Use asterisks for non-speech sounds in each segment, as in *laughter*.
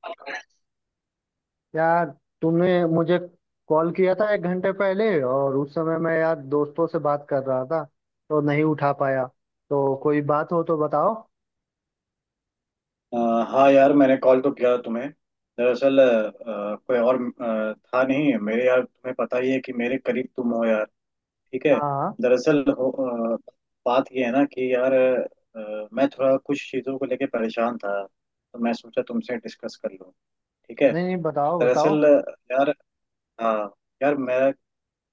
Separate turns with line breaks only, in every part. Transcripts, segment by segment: अ,
यार, तुमने मुझे कॉल किया था एक घंटे पहले और उस समय मैं यार दोस्तों से बात कर रहा था, तो नहीं उठा पाया। तो कोई बात हो तो बताओ।
हाँ यार, मैंने कॉल तो किया था तुम्हें। दरअसल कोई और था नहीं मेरे यार, तुम्हें पता ही है कि मेरे करीब तुम हो यार। ठीक है।
हाँ हाँ।
दरअसल हो। अ, बात ये है ना कि यार मैं थोड़ा कुछ चीज़ों को लेके परेशान था, तो मैं सोचा तुमसे डिस्कस कर लूँ। ठीक है।
नहीं नहीं, बताओ बताओ।
दरअसल यार। हाँ यार, मेरा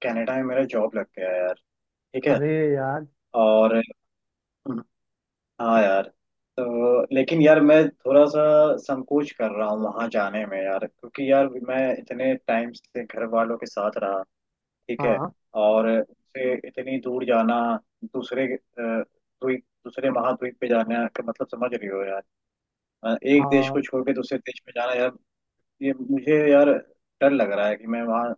कनाडा में मेरा जॉब लग गया है यार। ठीक है।
अरे यार।
और हाँ यार, तो लेकिन यार मैं थोड़ा सा संकोच कर रहा हूँ वहां जाने में यार, क्योंकि यार मैं इतने टाइम से घर वालों के साथ रहा। ठीक है।
हाँ
और से इतनी दूर जाना, दूसरे अ, द्वीप दूसरे महाद्वीप पे जाना का मतलब समझ रही हो यार। एक देश को
हाँ।
छोड़ के दूसरे देश में जाना यार। ये मुझे यार डर लग रहा है कि मैं वहाँ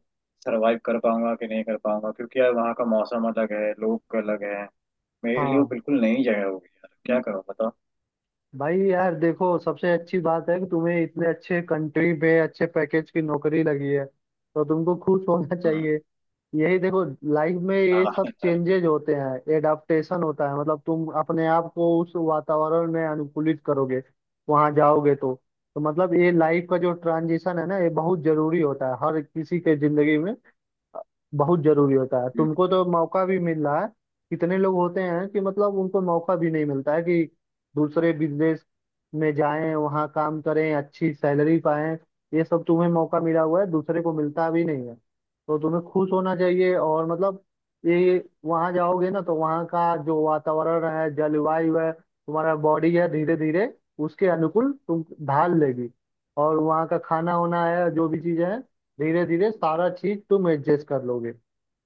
सरवाइव कर पाऊंगा कि नहीं कर पाऊंगा, क्योंकि यार वहाँ का मौसम अलग है, लोग अलग है। मेरे लिए वो
हाँ
बिल्कुल नई जगह होगी यार। क्या करूँ बताओ।
भाई यार देखो, सबसे अच्छी बात है कि तुम्हें इतने अच्छे कंट्री पे अच्छे पैकेज की नौकरी लगी है, तो तुमको खुश होना *laughs*
हम्म।
चाहिए। यही देखो, लाइफ में ये
हाँ
सब चेंजेज होते हैं, एडाप्टेशन होता है, मतलब तुम अपने आप को उस वातावरण में अनुकूलित करोगे वहां जाओगे तो। तो मतलब ये लाइफ का जो ट्रांजिशन है ना, ये बहुत जरूरी होता है हर किसी के जिंदगी में। बहुत जरूरी होता है, तुमको तो मौका भी मिल रहा है। कितने लोग होते हैं कि मतलब उनको मौका भी नहीं मिलता है कि दूसरे बिजनेस में जाएं, वहाँ काम करें, अच्छी सैलरी पाएं। ये सब तुम्हें मौका मिला हुआ है, दूसरे को मिलता भी नहीं है। तो तुम्हें खुश होना चाहिए। और मतलब ये वहाँ जाओगे ना, तो वहाँ का जो वातावरण है, जलवायु है, तुम्हारा बॉडी है, धीरे धीरे उसके अनुकूल तुम ढाल लेगी। और वहाँ का खाना होना है, जो भी चीजें हैं, धीरे धीरे सारा चीज तुम एडजस्ट कर लोगे।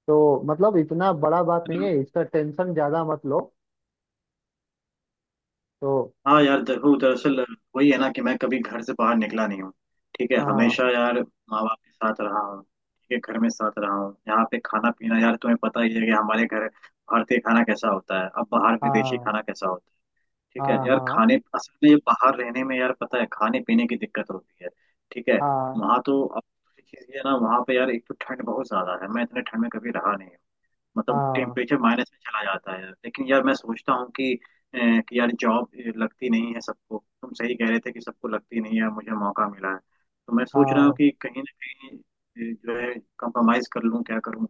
तो मतलब इतना बड़ा बात नहीं है, इसका टेंशन ज्यादा मत लो। तो
हाँ। यार देखो, दरअसल वही है ना कि मैं कभी घर से बाहर निकला नहीं हूँ। ठीक है,
हाँ
हमेशा यार माँ बाप के साथ रहा हूँ, ठीक है, घर में साथ रहा हूँ, यहाँ पे खाना पीना, यार तुम्हें पता ही है कि हमारे घर भारतीय खाना कैसा होता है, अब बाहर विदेशी
हाँ।
खाना कैसा होता है। ठीक है
हाँ
यार,
हाँ।
खाने असल में ये बाहर रहने में यार पता है खाने पीने की दिक्कत होती है। ठीक है।
हाँ
वहाँ तो अब चीज़ ये है ना, वहाँ पे यार एक तो ठंड बहुत ज्यादा है, मैं इतने ठंड में कभी रहा नहीं। मतलब
हाँ।
टेम्परेचर माइनस में चला जाता है, लेकिन यार मैं सोचता हूँ कि यार जॉब लगती नहीं है सबको, तुम सही कह रहे थे कि सबको लगती नहीं है, मुझे मौका मिला है। तो मैं सोच रहा हूँ
हाँ
कि कहीं ना कहीं जो है कंप्रोमाइज कर लूँ, क्या करूँ।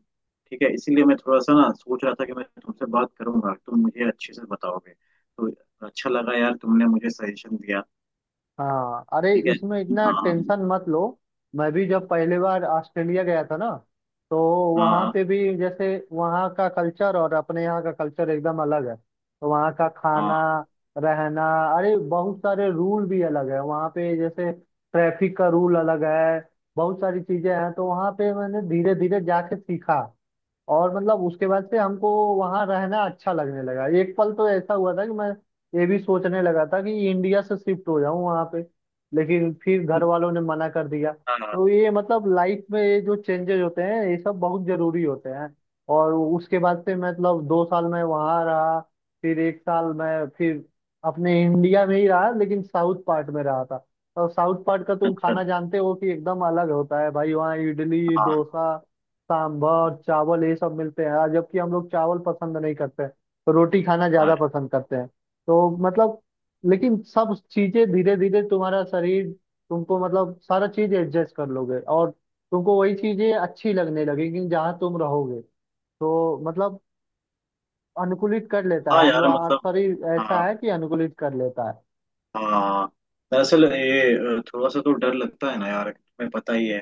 ठीक है, इसीलिए मैं थोड़ा सा ना सोच रहा था कि मैं तुमसे बात करूंगा, तुम मुझे अच्छे से बताओगे, तो अच्छा लगा यार तुमने मुझे सजेशन दिया।
हाँ। अरे
ठीक है।
इसमें इतना
हाँ
टेंशन मत लो। मैं भी जब पहली बार ऑस्ट्रेलिया गया था ना, तो वहाँ
हाँ
पे भी जैसे वहाँ का कल्चर और अपने यहाँ का कल्चर एकदम अलग है। तो वहाँ का खाना,
हाँ।
रहना, अरे बहुत सारे रूल भी अलग है वहाँ पे, जैसे ट्रैफिक का रूल अलग है। बहुत सारी चीजें हैं, तो वहाँ पे मैंने धीरे धीरे जाके सीखा। और मतलब उसके बाद से हमको वहां रहना अच्छा लगने लगा। एक पल तो ऐसा हुआ था कि मैं ये भी सोचने लगा था कि इंडिया से शिफ्ट हो जाऊं वहां पे, लेकिन फिर घर
*laughs*
वालों ने मना कर दिया।
हाँ।
तो ये मतलब लाइफ में ये जो चेंजेस होते हैं, ये सब बहुत जरूरी होते हैं। और उसके बाद से मैं मतलब दो साल मैं वहां रहा, फिर एक साल मैं फिर अपने इंडिया में ही रहा, लेकिन साउथ पार्ट में रहा था। और साउथ पार्ट का तुम
अच्छा अच्छा।
खाना जानते हो कि एकदम अलग होता है भाई। वहाँ इडली
हाँ
डोसा सांभर चावल ये सब मिलते हैं यार, जबकि हम लोग चावल पसंद नहीं करते, रोटी खाना
हाँ।
ज्यादा पसंद करते हैं। तो मतलब, लेकिन सब चीजें धीरे धीरे तुम्हारा शरीर, तुमको मतलब सारा चीज एडजस्ट कर लोगे, और तुमको वही चीजें अच्छी लगने लगेंगी जहाँ तुम रहोगे। तो मतलब अनुकूलित कर लेता
हाँ
है, हम
यार
लोग हमारा
मतलब।
शरीर ऐसा
हाँ
है कि अनुकूलित कर लेता है।
हाँ। दरअसल ये थोड़ा सा तो डर लगता है ना यार, तुम्हें पता ही है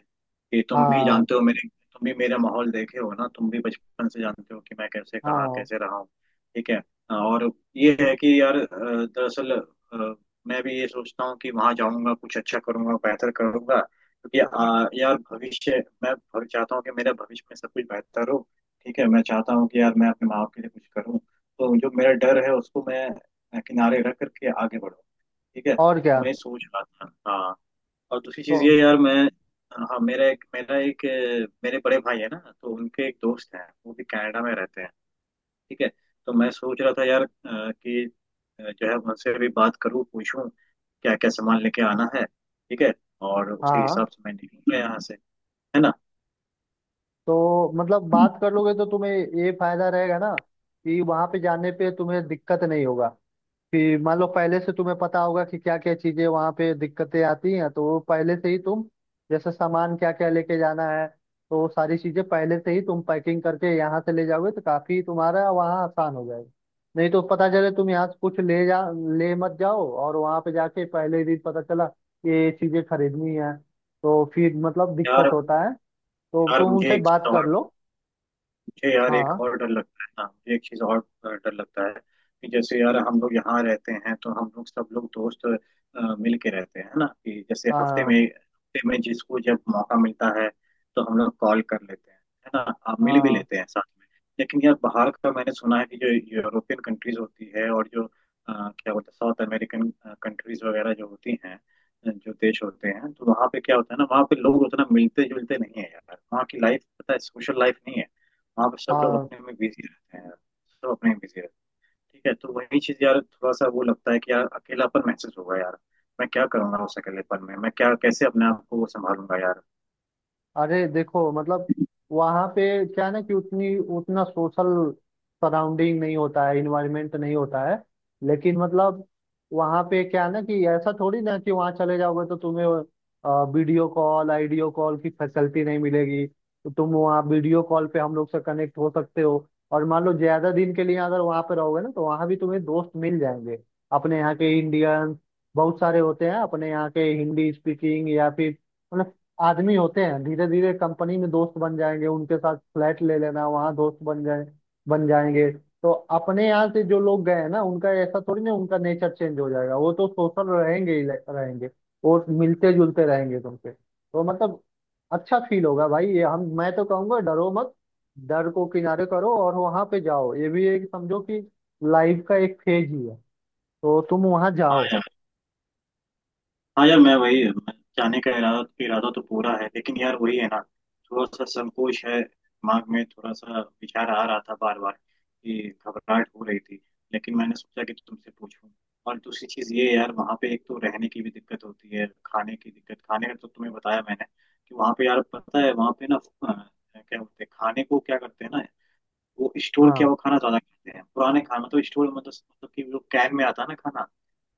कि तुम भी
हाँ
जानते हो मेरे, तुम भी मेरा माहौल देखे हो ना, तुम भी बचपन से जानते हो कि मैं कैसे कहाँ
हाँ
कैसे रहा हूँ। ठीक है। और ये है कि यार दरअसल मैं भी ये सोचता हूँ कि वहाँ जाऊँगा, कुछ अच्छा करूँगा, बेहतर करूँगा, क्योंकि यार चाहता हूँ कि मेरा भविष्य में सब कुछ बेहतर हो। ठीक है, मैं चाहता हूँ कि यार मैं अपने माँ बाप के लिए कुछ करूँ, तो जो मेरा डर है उसको मैं किनारे रख करके आगे बढ़ूँ। ठीक है।
और क्या।
मैं सोच रहा था, हाँ। और दूसरी चीज़
तो
ये यार मैं, हाँ, मेरा एक मेरे बड़े भाई है ना, तो उनके एक दोस्त हैं, वो भी कनाडा में रहते हैं। ठीक है। तो मैं सोच रहा था यार कि जो है उनसे भी बात करूँ, पूछूं क्या क्या सामान लेके आना है। ठीक है। और उसी
हाँ।
हिसाब से मैं निकलूंगा यहाँ से। है ना।
तो मतलब बात कर लोगे तो तुम्हें ये फायदा रहेगा ना कि वहां पे जाने पे तुम्हें दिक्कत नहीं होगा। कि मान लो पहले से तुम्हें पता होगा कि क्या क्या चीजें वहां पे दिक्कतें आती हैं, तो वो पहले से ही तुम, जैसे सामान क्या क्या लेके जाना है, तो वो सारी चीजें पहले से ही तुम पैकिंग करके यहाँ से ले जाओगे, तो काफी तुम्हारा वहाँ आसान हो जाएगा। नहीं तो पता चले तुम यहाँ से कुछ ले मत जाओ और वहां पे जाके पहले ही दिन पता चला ये चीजें खरीदनी है, तो फिर मतलब दिक्कत
यार,
होता है। तो
यार
तुम
मुझे
उनसे
एक
बात
चीज़
कर
और,
लो।
मुझे यार एक
हाँ
और डर लगता है, हाँ मुझे एक चीज़ और डर लगता है कि जैसे यार हम लोग यहाँ रहते हैं, तो हम लोग सब लोग दोस्त मिल के रहते हैं ना, कि जैसे
हाँ।
हफ्ते में जिसको जब मौका मिलता है तो हम लोग कॉल कर लेते हैं। है ना। आप मिल भी
हाँ
लेते हैं साथ में। लेकिन यार बाहर का मैंने सुना है कि जो यूरोपियन कंट्रीज होती है, और जो क्या बोलते हैं, साउथ अमेरिकन कंट्रीज वगैरह जो होती हैं, जो देश होते हैं, तो वहाँ पे क्या होता है ना, वहाँ पे लोग उतना मिलते जुलते नहीं है यार, वहाँ की लाइफ पता है, सोशल लाइफ नहीं है। हाँ, बस सब लोग
हाँ।
अपने में बिजी रहते हैं यार। सब अपने में बिजी रहते हैं, ठीक है, तो वही चीज़ यार थोड़ा सा वो लगता है कि यार अकेलापन महसूस होगा यार। मैं क्या करूंगा उस अकेलेपन में, मैं क्या कैसे अपने आप को संभालूंगा।
अरे देखो मतलब
यार।
वहां पे क्या है ना कि उतनी उतना सोशल सराउंडिंग नहीं होता है, इन्वायरमेंट नहीं होता है। लेकिन मतलब वहां पे क्या है ना कि ऐसा थोड़ी ना कि वहां चले जाओगे तो तुम्हें वीडियो कॉल आइडियो कॉल की फैसिलिटी नहीं मिलेगी। तो तुम वहाँ वीडियो कॉल पे हम लोग से कनेक्ट हो सकते हो। और मान लो ज्यादा दिन के लिए अगर वहां पे रहोगे ना, तो वहां भी तुम्हें दोस्त मिल जाएंगे। अपने यहाँ के इंडियन बहुत सारे होते हैं अपने यहाँ के, हिंदी स्पीकिंग या फिर मतलब आदमी होते हैं। धीरे धीरे कंपनी में दोस्त बन जाएंगे, उनके साथ फ्लैट ले लेना, वहां दोस्त बन जाएंगे। तो अपने यहाँ से जो लोग गए हैं ना, उनका ऐसा थोड़ी ना उनका नेचर चेंज हो जाएगा। वो तो सोशल रहेंगे ही रहेंगे। वो मिलते जुलते रहेंगे तुमसे, तो मतलब अच्छा फील होगा भाई। ये हम, मैं तो कहूंगा डरो मत, डर को किनारे करो और वहां पे जाओ। ये भी एक समझो कि लाइफ का एक फेज ही है। तो तुम वहां जाओ।
हाँ यार, मैं जाने का इरादा इरादा तो पूरा है, लेकिन यार वही है ना, थोड़ा सा संकोच है दिमाग में, थोड़ा सा विचार आ रहा था बार बार कि घबराहट हो रही थी। लेकिन मैंने सोचा कि तो तुमसे पूछूं। और दूसरी चीज़ ये है यार, वहाँ पे एक तो रहने की भी दिक्कत होती है, खाने की दिक्कत, खाने का तो तुम्हें बताया मैंने। कि वहाँ पे यार पता है, वहाँ पे ना क्या बोलते हैं खाने को, क्या करते हैं ना, वो स्टोर किया
हाँ
हुआ खाना ज्यादा खाते हैं, पुराने खाना, मतलब स्टोर मतलब कि वो कैन में आता है ना खाना,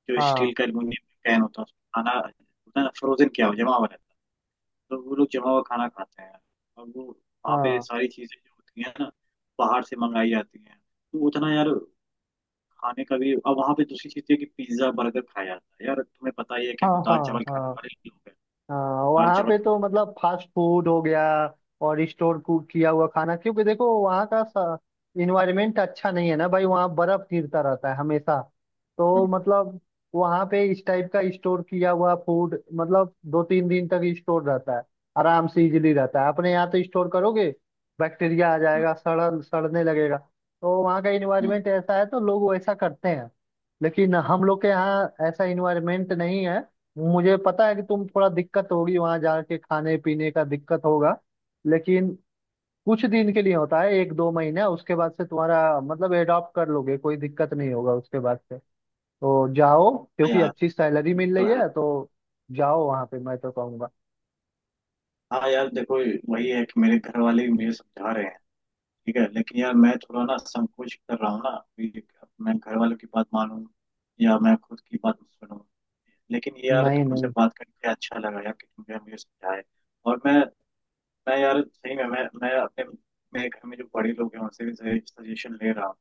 जो
हाँ।
स्टील का एल्यूमिनियम कैन होता है, उसमें खाना होता है ना, फ्रोजन क्या हो, जमा हुआ रहता है। तो वो लोग जमा हुआ खाना खाते हैं। और वो वहाँ पे
हाँ
सारी चीजें जो होती हैं ना बाहर से मंगाई जाती हैं। तो उतना यार खाने का भी, अब वहाँ पे दूसरी चीज है कि पिज्जा बर्गर खाया जाता है, यार तुम्हें पता ही है कि हम
हाँ।
लोग दाल
हाँ
चावल खाने
हाँ।
वाले लोग हैं।
हाँ।
दाल
वहाँ
चावल
पे तो
खाने वाले।
मतलब फास्ट फूड हो गया, और स्टोर कुक किया हुआ खाना, क्योंकि देखो वहाँ का इन्वायरमेंट अच्छा नहीं है ना भाई। वहाँ बर्फ गिरता रहता है हमेशा। तो
हम्म।
मतलब वहाँ पे इस टाइप का स्टोर किया हुआ फूड मतलब दो तीन दिन तक स्टोर रहता है, आराम से इजिली रहता है। अपने यहाँ तो स्टोर करोगे, बैक्टीरिया आ
हम्म।
जाएगा, सड़ सड़ने लगेगा। तो वहाँ का
हम्म।
इन्वायरमेंट ऐसा है, तो लोग वैसा करते हैं। लेकिन हम लोग के यहाँ ऐसा इन्वायरमेंट नहीं है। मुझे पता है कि तुम थोड़ा दिक्कत होगी वहां जाके, खाने पीने का दिक्कत होगा, लेकिन कुछ दिन के लिए होता है, एक दो महीने। उसके बाद से तुम्हारा मतलब एडॉप्ट कर लोगे, कोई दिक्कत नहीं होगा उसके बाद से। तो जाओ,
हाँ
क्योंकि
यार
अच्छी सैलरी मिल
तो
रही
है।
है, तो जाओ वहां पे, मैं तो कहूंगा।
हाँ यार देखो, वही है कि मेरे घर वाले भी मुझे समझा रहे हैं। ठीक है, लेकिन यार मैं थोड़ा ना संकोच कर रहा हूँ ना कि मैं घर वालों की बात मानूं या मैं खुद की बात सुनूं। लेकिन ये यार
नहीं
तुमसे
नहीं।
बात करके अच्छा लगा यार कि तुमने मुझे समझाया। और मैं यार सही में, मैं अपने, मेरे घर में जो बड़े लोग हैं उनसे भी सजेशन ले रहा हूँ।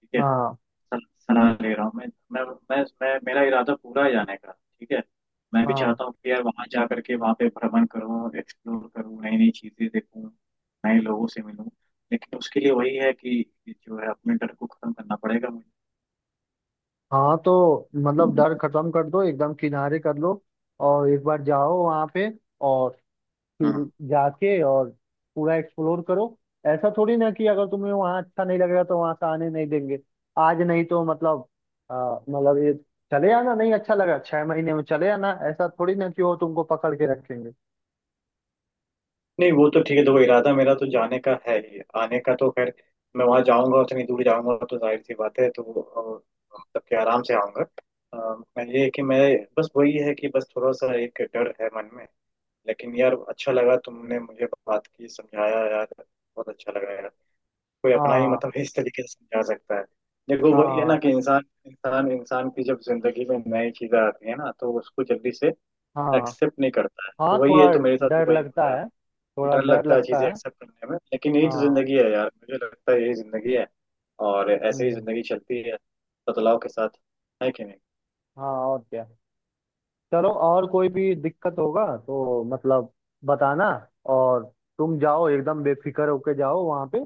ठीक है।
हाँ
सलाह ले रहा हूँ मैं मैं मेरा इरादा पूरा है जाने का। ठीक है। मैं भी
हाँ।
चाहता हूँ कि यार वहाँ जा करके, वहाँ पे भ्रमण करूँ, एक्सप्लोर करूँ, नई नई चीज़ें देखूँ, नए लोगों से मिलूँ। लेकिन उसके लिए वही है कि जो है, अपने डर को खत्म करना पड़ेगा मुझे।
हाँ तो मतलब डर खत्म कर दो, एकदम किनारे कर लो, और एक बार जाओ वहां पे, और फिर
हाँ।
जाके और पूरा एक्सप्लोर करो। ऐसा थोड़ी ना कि अगर तुम्हें वहाँ अच्छा नहीं लगेगा तो वहां से आने नहीं देंगे। आज नहीं तो मतलब मतलब ये, चले आना, नहीं अच्छा लगा छह महीने में चले आना, ऐसा थोड़ी ना कि वो तुमको पकड़ के रखेंगे।
नहीं वो तो ठीक है, देखो इरादा मेरा तो जाने का है ही, आने का तो खैर, मैं वहां जाऊंगा, उतनी दूर जाऊंगा तो जाहिर सी बात है, तो मतलब कि आराम से आऊंगा। मैं ये है कि मैं, बस वही है कि बस थोड़ा सा एक डर है मन में। लेकिन यार अच्छा लगा, तुमने मुझे बात की, समझाया यार, बहुत अच्छा लगा यार। कोई अपना ही
हाँ
मतलब इस तरीके से समझा सकता है। देखो वही है
हाँ।
ना कि इंसान इंसान इंसान की जब जिंदगी में नई चीजें आती है ना, तो उसको जल्दी से
हाँ
एक्सेप्ट नहीं करता है, तो
हाँ,
वही है,
थोड़ा
तो मेरे साथ भी
डर
वही हो
लगता
रहा है।
है, थोड़ा
डर
डर
लगता है
लगता
चीजें
है।
एक्सेप्ट करने में, लेकिन यही तो
हाँ।
जिंदगी है यार, मुझे लगता है यही जिंदगी है। और ऐसे ही
हम्म।
जिंदगी चलती है बदलाव के साथ। है कि नहीं।
हाँ और क्या। चलो, और कोई भी दिक्कत होगा तो मतलब बताना। और तुम जाओ, एकदम बेफिक्र होके जाओ वहाँ पे।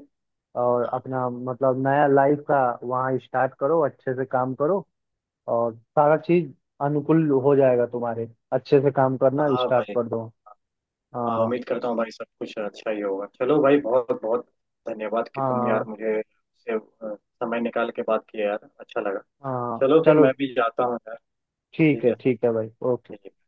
और
हाँ
अपना मतलब नया लाइफ का वहाँ स्टार्ट करो, अच्छे से काम करो, और सारा चीज अनुकूल हो जाएगा तुम्हारे। अच्छे से काम करना
हाँ
स्टार्ट
भाई।
कर दो।
हाँ,
हाँ
उम्मीद करता हूँ भाई सब कुछ अच्छा ही होगा। चलो भाई, बहुत बहुत धन्यवाद कि तुम यार
हाँ।
मुझे से समय निकाल के बात किया यार, अच्छा लगा।
हाँ
चलो फिर
चलो।
मैं भी जाता हूँ यार। ठीक है।
ठीक है भाई, ओके।
ठीक है।